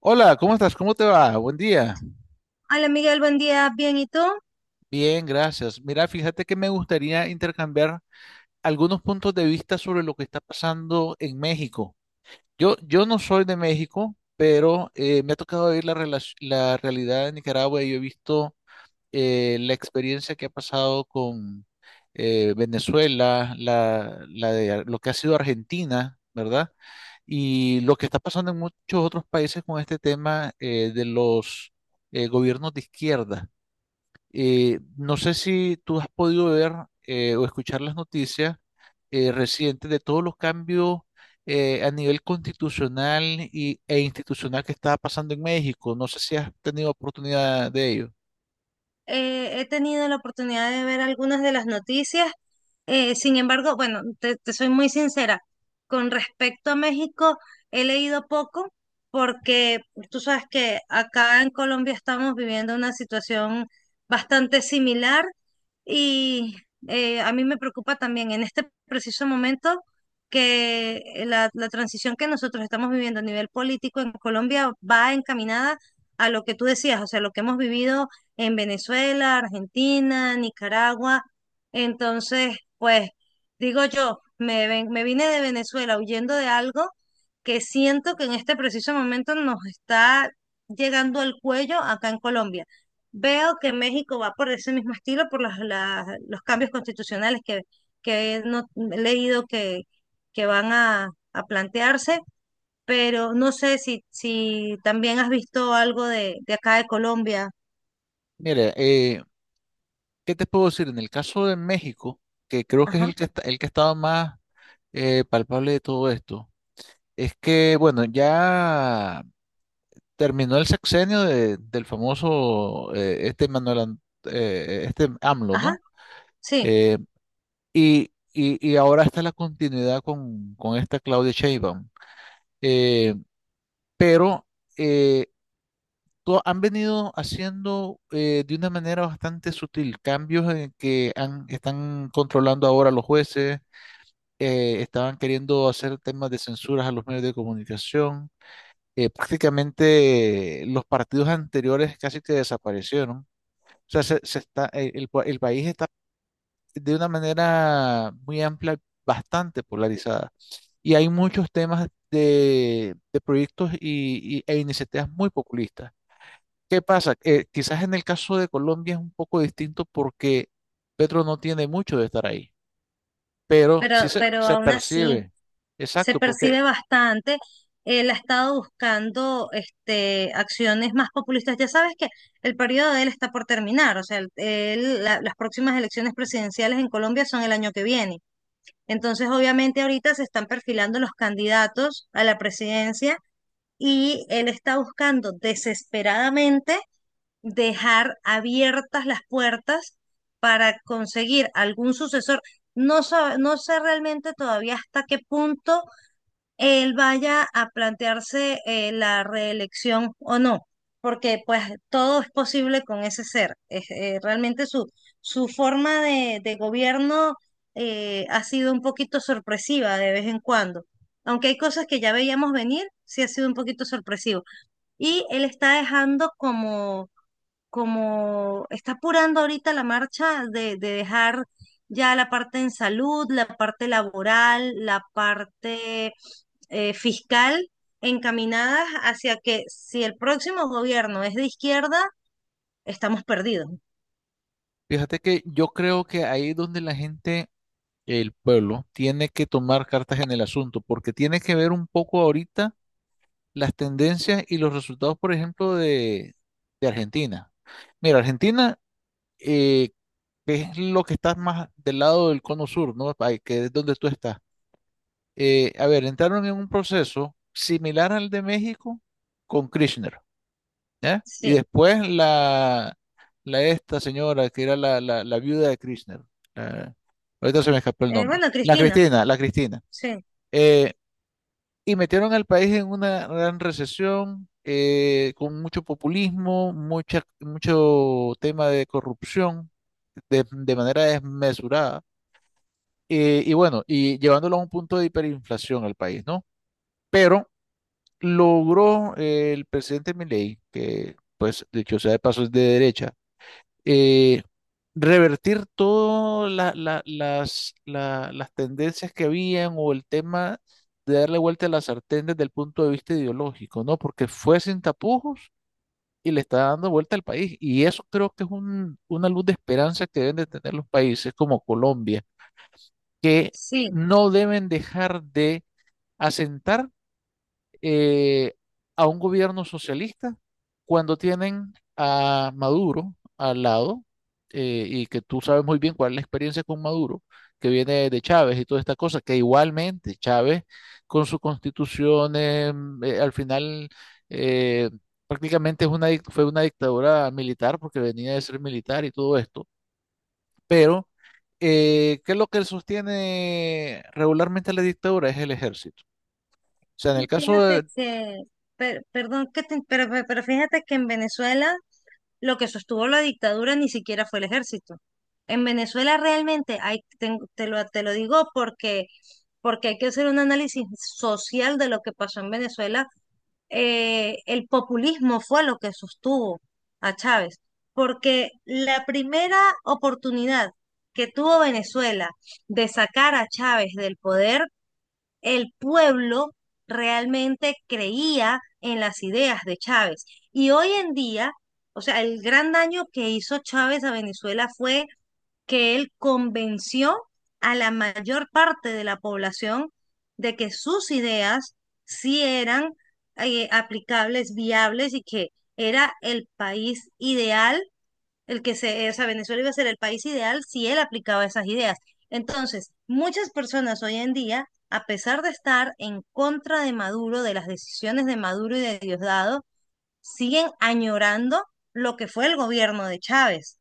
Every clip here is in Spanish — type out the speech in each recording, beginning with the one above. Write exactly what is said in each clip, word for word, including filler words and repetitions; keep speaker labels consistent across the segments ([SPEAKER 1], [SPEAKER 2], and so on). [SPEAKER 1] Hola, ¿cómo estás? ¿Cómo te va? Buen día.
[SPEAKER 2] Hola Miguel, buen día, bien, ¿y tú?
[SPEAKER 1] Bien, gracias. Mira, fíjate que me gustaría intercambiar algunos puntos de vista sobre lo que está pasando en México. Yo, yo no soy de México, pero eh, me ha tocado ver la, relac- la realidad de Nicaragua y yo he visto eh, la experiencia que ha pasado con eh, Venezuela, la, la de Ar- lo que ha sido Argentina, ¿verdad? Y lo que está pasando en muchos otros países con este tema eh, de los eh, gobiernos de izquierda. Eh, no sé si tú has podido ver eh, o escuchar las noticias eh, recientes de todos los cambios eh, a nivel constitucional y, e institucional que estaba pasando en México. No sé si has tenido oportunidad de ello.
[SPEAKER 2] Eh, he tenido la oportunidad de ver algunas de las noticias. Eh, sin embargo, bueno, te, te soy muy sincera, con respecto a México, he leído poco porque tú sabes que acá en Colombia estamos viviendo una situación bastante similar y eh, a mí me preocupa también en este preciso momento que la, la transición que nosotros estamos viviendo a nivel político en Colombia va encaminada a lo que tú decías, o sea, lo que hemos vivido en Venezuela, Argentina, Nicaragua. Entonces, pues digo yo, me, ven- me vine de Venezuela huyendo de algo que siento que en este preciso momento nos está llegando al cuello acá en Colombia. Veo que México va por ese mismo estilo, por las- las- los cambios constitucionales que, que he no- he leído que, que van a, a plantearse, pero no sé si, si también has visto algo de, de acá de Colombia.
[SPEAKER 1] Mira, eh, ¿qué te puedo decir? En el caso de México, que creo que es
[SPEAKER 2] Ajá,
[SPEAKER 1] el que está, el que ha estado más eh, palpable de todo esto, es que, bueno, ya terminó el sexenio de- del famoso eh, este Manuel, Ant- eh, este AMLO,
[SPEAKER 2] ajá.
[SPEAKER 1] ¿no?
[SPEAKER 2] Sí,
[SPEAKER 1] Eh, y, y- y ahora está la continuidad con, con esta Claudia Sheinbaum. Eh, pero eh, to- Han venido haciendo eh, de una manera bastante sutil cambios en que han- están controlando ahora a los jueces, eh, estaban queriendo hacer temas de censuras a los medios de comunicación. Eh, prácticamente eh, los partidos anteriores casi que desaparecieron. O sea, se, se está, el el pa- el país está de una manera muy amplia, bastante polarizada. Y hay muchos temas de, de proyectos y, y- e iniciativas muy populistas. ¿Qué pasa? Eh, quizás en el caso de Colombia es un poco distinto porque Petro no tiene mucho de estar ahí, pero sí
[SPEAKER 2] pero,
[SPEAKER 1] se,
[SPEAKER 2] pero
[SPEAKER 1] se
[SPEAKER 2] aún así
[SPEAKER 1] percibe.
[SPEAKER 2] se
[SPEAKER 1] Exacto, porque
[SPEAKER 2] percibe bastante. Él ha estado buscando este, acciones más populistas. Ya sabes que el periodo de él está por terminar, o sea, el- él- la- las próximas elecciones presidenciales en Colombia son el año que viene. Entonces, obviamente, ahorita se están perfilando los candidatos a la presidencia y él está buscando desesperadamente dejar abiertas las puertas para conseguir algún sucesor. No, sa- no sé realmente todavía hasta qué punto él vaya a plantearse eh, la reelección o no, porque pues todo es posible con ese ser. Es, eh, realmente su, su forma de, de gobierno eh, ha sido un poquito sorpresiva de vez en cuando. Aunque hay cosas que ya veíamos venir, sí ha sido un poquito sorpresivo. Y él está dejando como como está apurando ahorita la marcha de, de dejar ya la parte en salud, la parte laboral, la parte eh, fiscal, encaminadas hacia que si el próximo gobierno es de izquierda, estamos perdidos.
[SPEAKER 1] fíjate que yo creo que ahí es donde la gente, el pueblo, tiene que tomar cartas en el asunto, porque tiene que ver un poco ahorita las tendencias y los resultados, por ejemplo, de, de Argentina. Mira, Argentina, eh, que es lo que está más del lado del cono sur, ¿no? Ahí, que es donde tú estás. Eh, a ver, entraron en un proceso similar al de México con Kirchner, ¿ya? Y
[SPEAKER 2] Sí.
[SPEAKER 1] después la, la esta señora que era la, la, la viuda de Kirchner, la- ahorita se me escapó el
[SPEAKER 2] Eh,
[SPEAKER 1] nombre,
[SPEAKER 2] bueno,
[SPEAKER 1] la
[SPEAKER 2] Cristina,
[SPEAKER 1] Cristina, la Cristina.
[SPEAKER 2] sí,
[SPEAKER 1] Eh, y metieron al país en una gran recesión, eh, con mucho populismo, mucha, mucho tema de corrupción de de manera desmesurada. Eh, y bueno, y llevándolo a un punto de hiperinflación al país, ¿no? Pero logró eh, el presidente Milei, que pues dicho sea de paso es de derecha, eh, revertir todas la- la- las, la- las tendencias que habían o el tema de darle vuelta a la sartén desde el punto de vista ideológico, ¿no? Porque fue sin tapujos y le está dando vuelta al país. Y eso creo que es un- una luz de esperanza que deben de tener los países como Colombia, que
[SPEAKER 2] sí.
[SPEAKER 1] no deben dejar de asentar eh, a un gobierno socialista cuando tienen a Maduro al lado, eh, y que tú sabes muy bien cuál es la experiencia con Maduro, que viene de Chávez y toda esta cosa, que igualmente Chávez con su constitución eh, eh, al final eh, prácticamente es una, dic- fue una dictadura militar porque venía de ser militar y todo esto, pero eh, ¿qué es lo que sostiene regularmente la dictadura? Es el ejército. O sea, en el caso de
[SPEAKER 2] Fíjate que, per- perdón, que te- pero, pero fíjate que en Venezuela lo que sostuvo la dictadura ni siquiera fue el ejército. En Venezuela realmente hay, ten- te, lo, te lo digo porque, porque hay que hacer un análisis social de lo que pasó en Venezuela. Eh, el populismo fue lo que sostuvo a Chávez, porque la primera oportunidad que tuvo Venezuela de sacar a Chávez del poder el pueblo realmente creía en las ideas de Chávez. Y hoy en día, o sea, el gran daño que hizo Chávez a Venezuela fue que él convenció a la mayor parte de la población de que sus ideas sí eran eh, aplicables, viables y que era el país ideal el que se, o sea, Venezuela iba a ser el país ideal si él aplicaba esas ideas. Entonces, muchas personas hoy en día, a pesar de estar en contra de Maduro, de las decisiones de Maduro y de Diosdado, siguen añorando lo que fue el gobierno de Chávez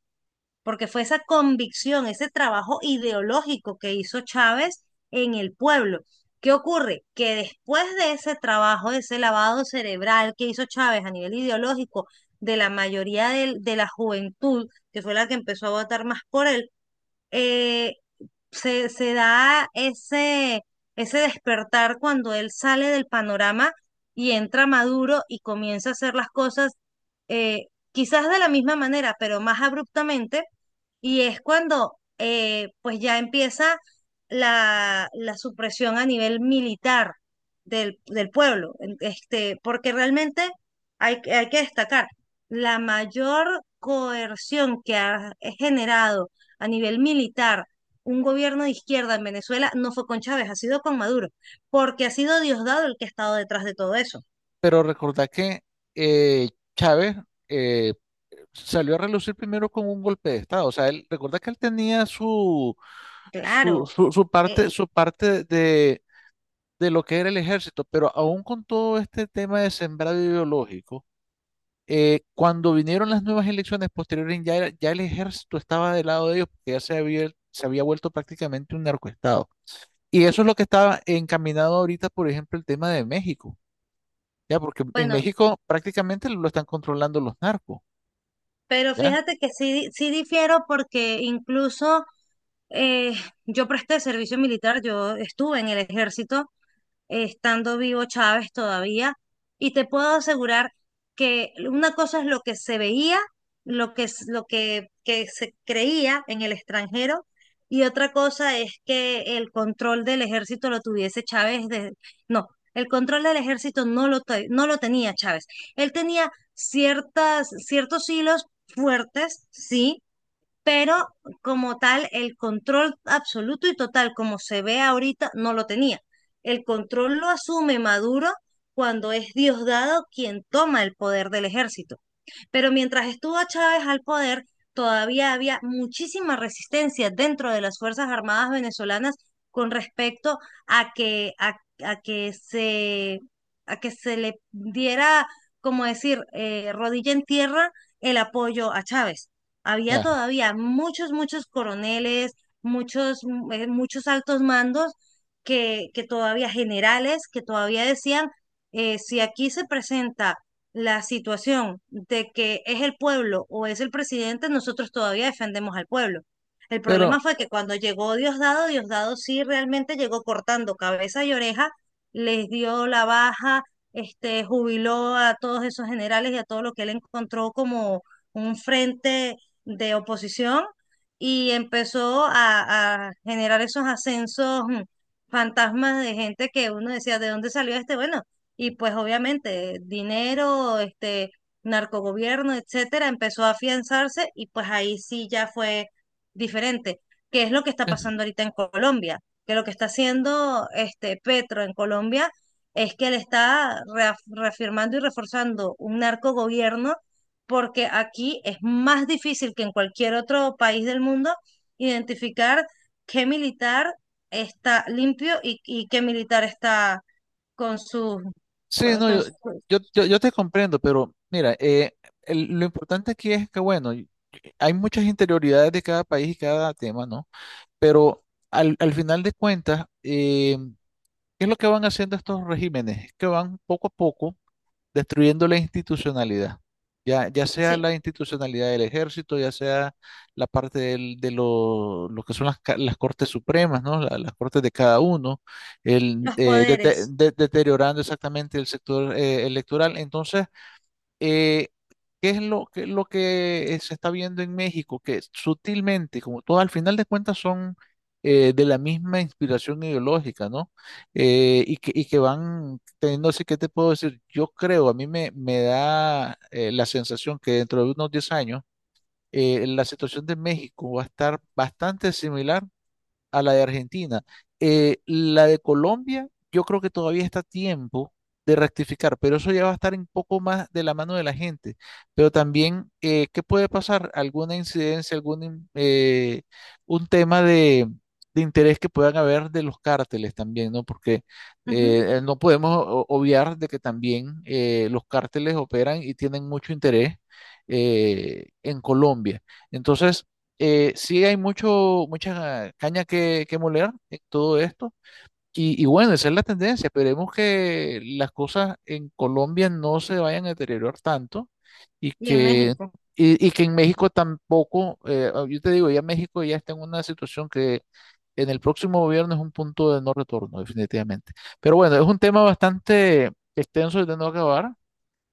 [SPEAKER 2] porque fue esa convicción, ese trabajo ideológico que hizo Chávez en el pueblo. ¿Qué ocurre? Que después de ese trabajo, de ese lavado cerebral que hizo Chávez a nivel ideológico de la mayoría del- de, la juventud, que fue la que empezó a votar más por él, eh, se, se da ese, ese despertar cuando él sale del panorama y entra Maduro y comienza a hacer las cosas eh, quizás de la misma manera, pero más abruptamente, y es cuando eh, pues ya empieza la, la supresión a nivel militar del, del pueblo, en- este, porque realmente hay, que- hay que destacar la mayor coerción que ha generado a nivel militar un gobierno de izquierda en Venezuela no fue con Chávez, ha sido con Maduro, porque ha sido Diosdado el que ha estado detrás de todo eso.
[SPEAKER 1] pero recordá que eh, Chávez eh, salió a relucir primero con un golpe de Estado. O sea, él, recuerda que él tenía su, su,
[SPEAKER 2] Claro,
[SPEAKER 1] su, su
[SPEAKER 2] eh,
[SPEAKER 1] parte, su parte de, de lo que era el ejército, pero aún con todo este tema de sembrado ideológico, eh, cuando vinieron las nuevas elecciones posteriores, ya, era- ya el ejército estaba del lado de ellos, porque ya se había, se había vuelto prácticamente un narcoestado. Y eso es lo que estaba encaminado ahorita, por ejemplo, el tema de México ya, porque en
[SPEAKER 2] bueno,
[SPEAKER 1] México prácticamente lo están controlando los narcos,
[SPEAKER 2] pero
[SPEAKER 1] ya,
[SPEAKER 2] fíjate que sí, sí difiero porque incluso eh, yo presté servicio militar, yo estuve en el ejército eh, estando vivo Chávez todavía, y te puedo asegurar que una cosa es lo que se veía, lo que, es- lo que, que se creía en el extranjero, y otra cosa es que el control del ejército lo tuviese Chávez de, no, el control del ejército no lo, te- no lo tenía Chávez. Él tenía ciertas, ciertos hilos fuertes, sí, pero como tal, el control absoluto y total, como se ve ahorita, no lo tenía. El control lo asume Maduro cuando es Diosdado quien toma el poder del ejército. Pero mientras estuvo Chávez al poder, todavía había muchísima resistencia dentro de las Fuerzas Armadas venezolanas con respecto a que, a, a que se, a que se le diera, como decir, eh, rodilla en tierra el apoyo a Chávez. Había
[SPEAKER 1] ya.
[SPEAKER 2] todavía muchos, muchos coroneles, muchos, mm, eh, muchos altos mandos que, que todavía generales, que todavía decían, eh, si aquí se presenta la situación de que es el pueblo o es el presidente, nosotros todavía defendemos al pueblo. El
[SPEAKER 1] Pero,
[SPEAKER 2] problema fue que cuando llegó Diosdado, Diosdado sí realmente llegó cortando cabeza y oreja, les dio la baja, este, jubiló a todos esos generales y a todo lo que él encontró como un frente de oposición y empezó a, a generar esos ascensos mm, fantasmas de gente que uno decía, ¿de dónde salió este? Bueno, y pues obviamente dinero, este, narcogobierno, etcétera, empezó a afianzarse y pues ahí sí ya fue diferente. ¿Qué es lo que está
[SPEAKER 1] eh,
[SPEAKER 2] pasando ahorita en Colombia? Que lo que está haciendo este Petro en Colombia es que él está reaf- reafirmando y reforzando un narcogobierno porque aquí es más difícil que en cualquier otro país del mundo identificar qué militar está limpio y, y qué militar está con sus
[SPEAKER 1] sí,
[SPEAKER 2] con-
[SPEAKER 1] no,
[SPEAKER 2] con
[SPEAKER 1] yo,
[SPEAKER 2] su-
[SPEAKER 1] yo, yo, yo te comprendo, pero mira, eh, el- lo importante aquí es que, bueno, y- eh, hay muchas interioridades de cada país y cada tema, ¿no? Pero al, al final de cuentas, eh, ¿qué es lo que van haciendo estos regímenes? Es que van poco a poco, destruyendo la institucionalidad, ya, ya sea
[SPEAKER 2] sí,
[SPEAKER 1] la institucionalidad del ejército, ya sea la parte del- de lo, lo que son las, ca- las cortes supremas, ¿no? La- las cortes de cada uno, el,
[SPEAKER 2] los
[SPEAKER 1] eh, dete-
[SPEAKER 2] poderes.
[SPEAKER 1] de- deteriorando exactamente el sector eh, electoral. Entonces, eh, ¿qué es lo, ¿qué es lo que eh, se está viendo en México? Que sutilmente, como todo, al final de cuentas son eh, de la misma inspiración ideológica, ¿no? Eh, y que, y que van teniendo, así que te puedo decir, yo creo, a mí me, me da eh, la sensación que dentro de unos diez años, eh, la situación de México va a estar bastante similar a la de Argentina. Eh, la de Colombia, yo creo que todavía está a tiempo de rectificar, pero eso ya va a estar un poco más de la mano de la gente. Pero también, eh, ¿qué puede pasar? ¿Alguna incidencia, algún in- eh, un tema de, de interés que puedan haber de los cárteles también, ¿no? Porque eh,
[SPEAKER 2] Ujú,
[SPEAKER 1] eh, no podemos o- obviar de que también eh, los cárteles operan y tienen mucho interés eh, en Colombia. Entonces, eh, sí hay mucho, mucha caña que, que moler en todo esto. Y, y bueno, esa es la tendencia. Esperemos que las cosas en Colombia no se vayan a deteriorar tanto y
[SPEAKER 2] y en
[SPEAKER 1] que,
[SPEAKER 2] México.
[SPEAKER 1] y, y que en México tampoco, eh, ah, yo te digo, ya México ya está en una situación que en el próximo gobierno es un punto de no retorno, definitivamente. Pero bueno, es un tema bastante extenso y de no acabar.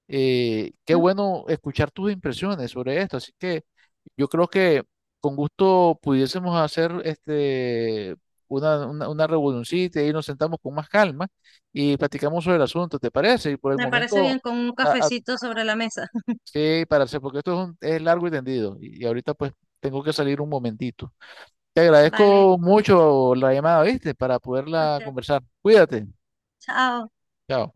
[SPEAKER 1] Eh, qué
[SPEAKER 2] Ujú.
[SPEAKER 1] bueno escuchar tus impresiones sobre esto. Así que yo creo que con gusto pudiésemos hacer este, una, una, una reunioncita y nos sentamos con más calma y platicamos sobre el asunto, ¿te parece? Y por el
[SPEAKER 2] Me parece
[SPEAKER 1] momento,
[SPEAKER 2] bien con un
[SPEAKER 1] a, a-
[SPEAKER 2] cafecito sobre la mesa.
[SPEAKER 1] sí, para hacer, porque esto es, un- es largo y tendido y, y ahorita pues tengo que salir un momentito. Te
[SPEAKER 2] Vale,
[SPEAKER 1] agradezco mucho la llamada, ¿viste? Para poderla
[SPEAKER 2] ok,
[SPEAKER 1] conversar. Cuídate.
[SPEAKER 2] chao.
[SPEAKER 1] Chao.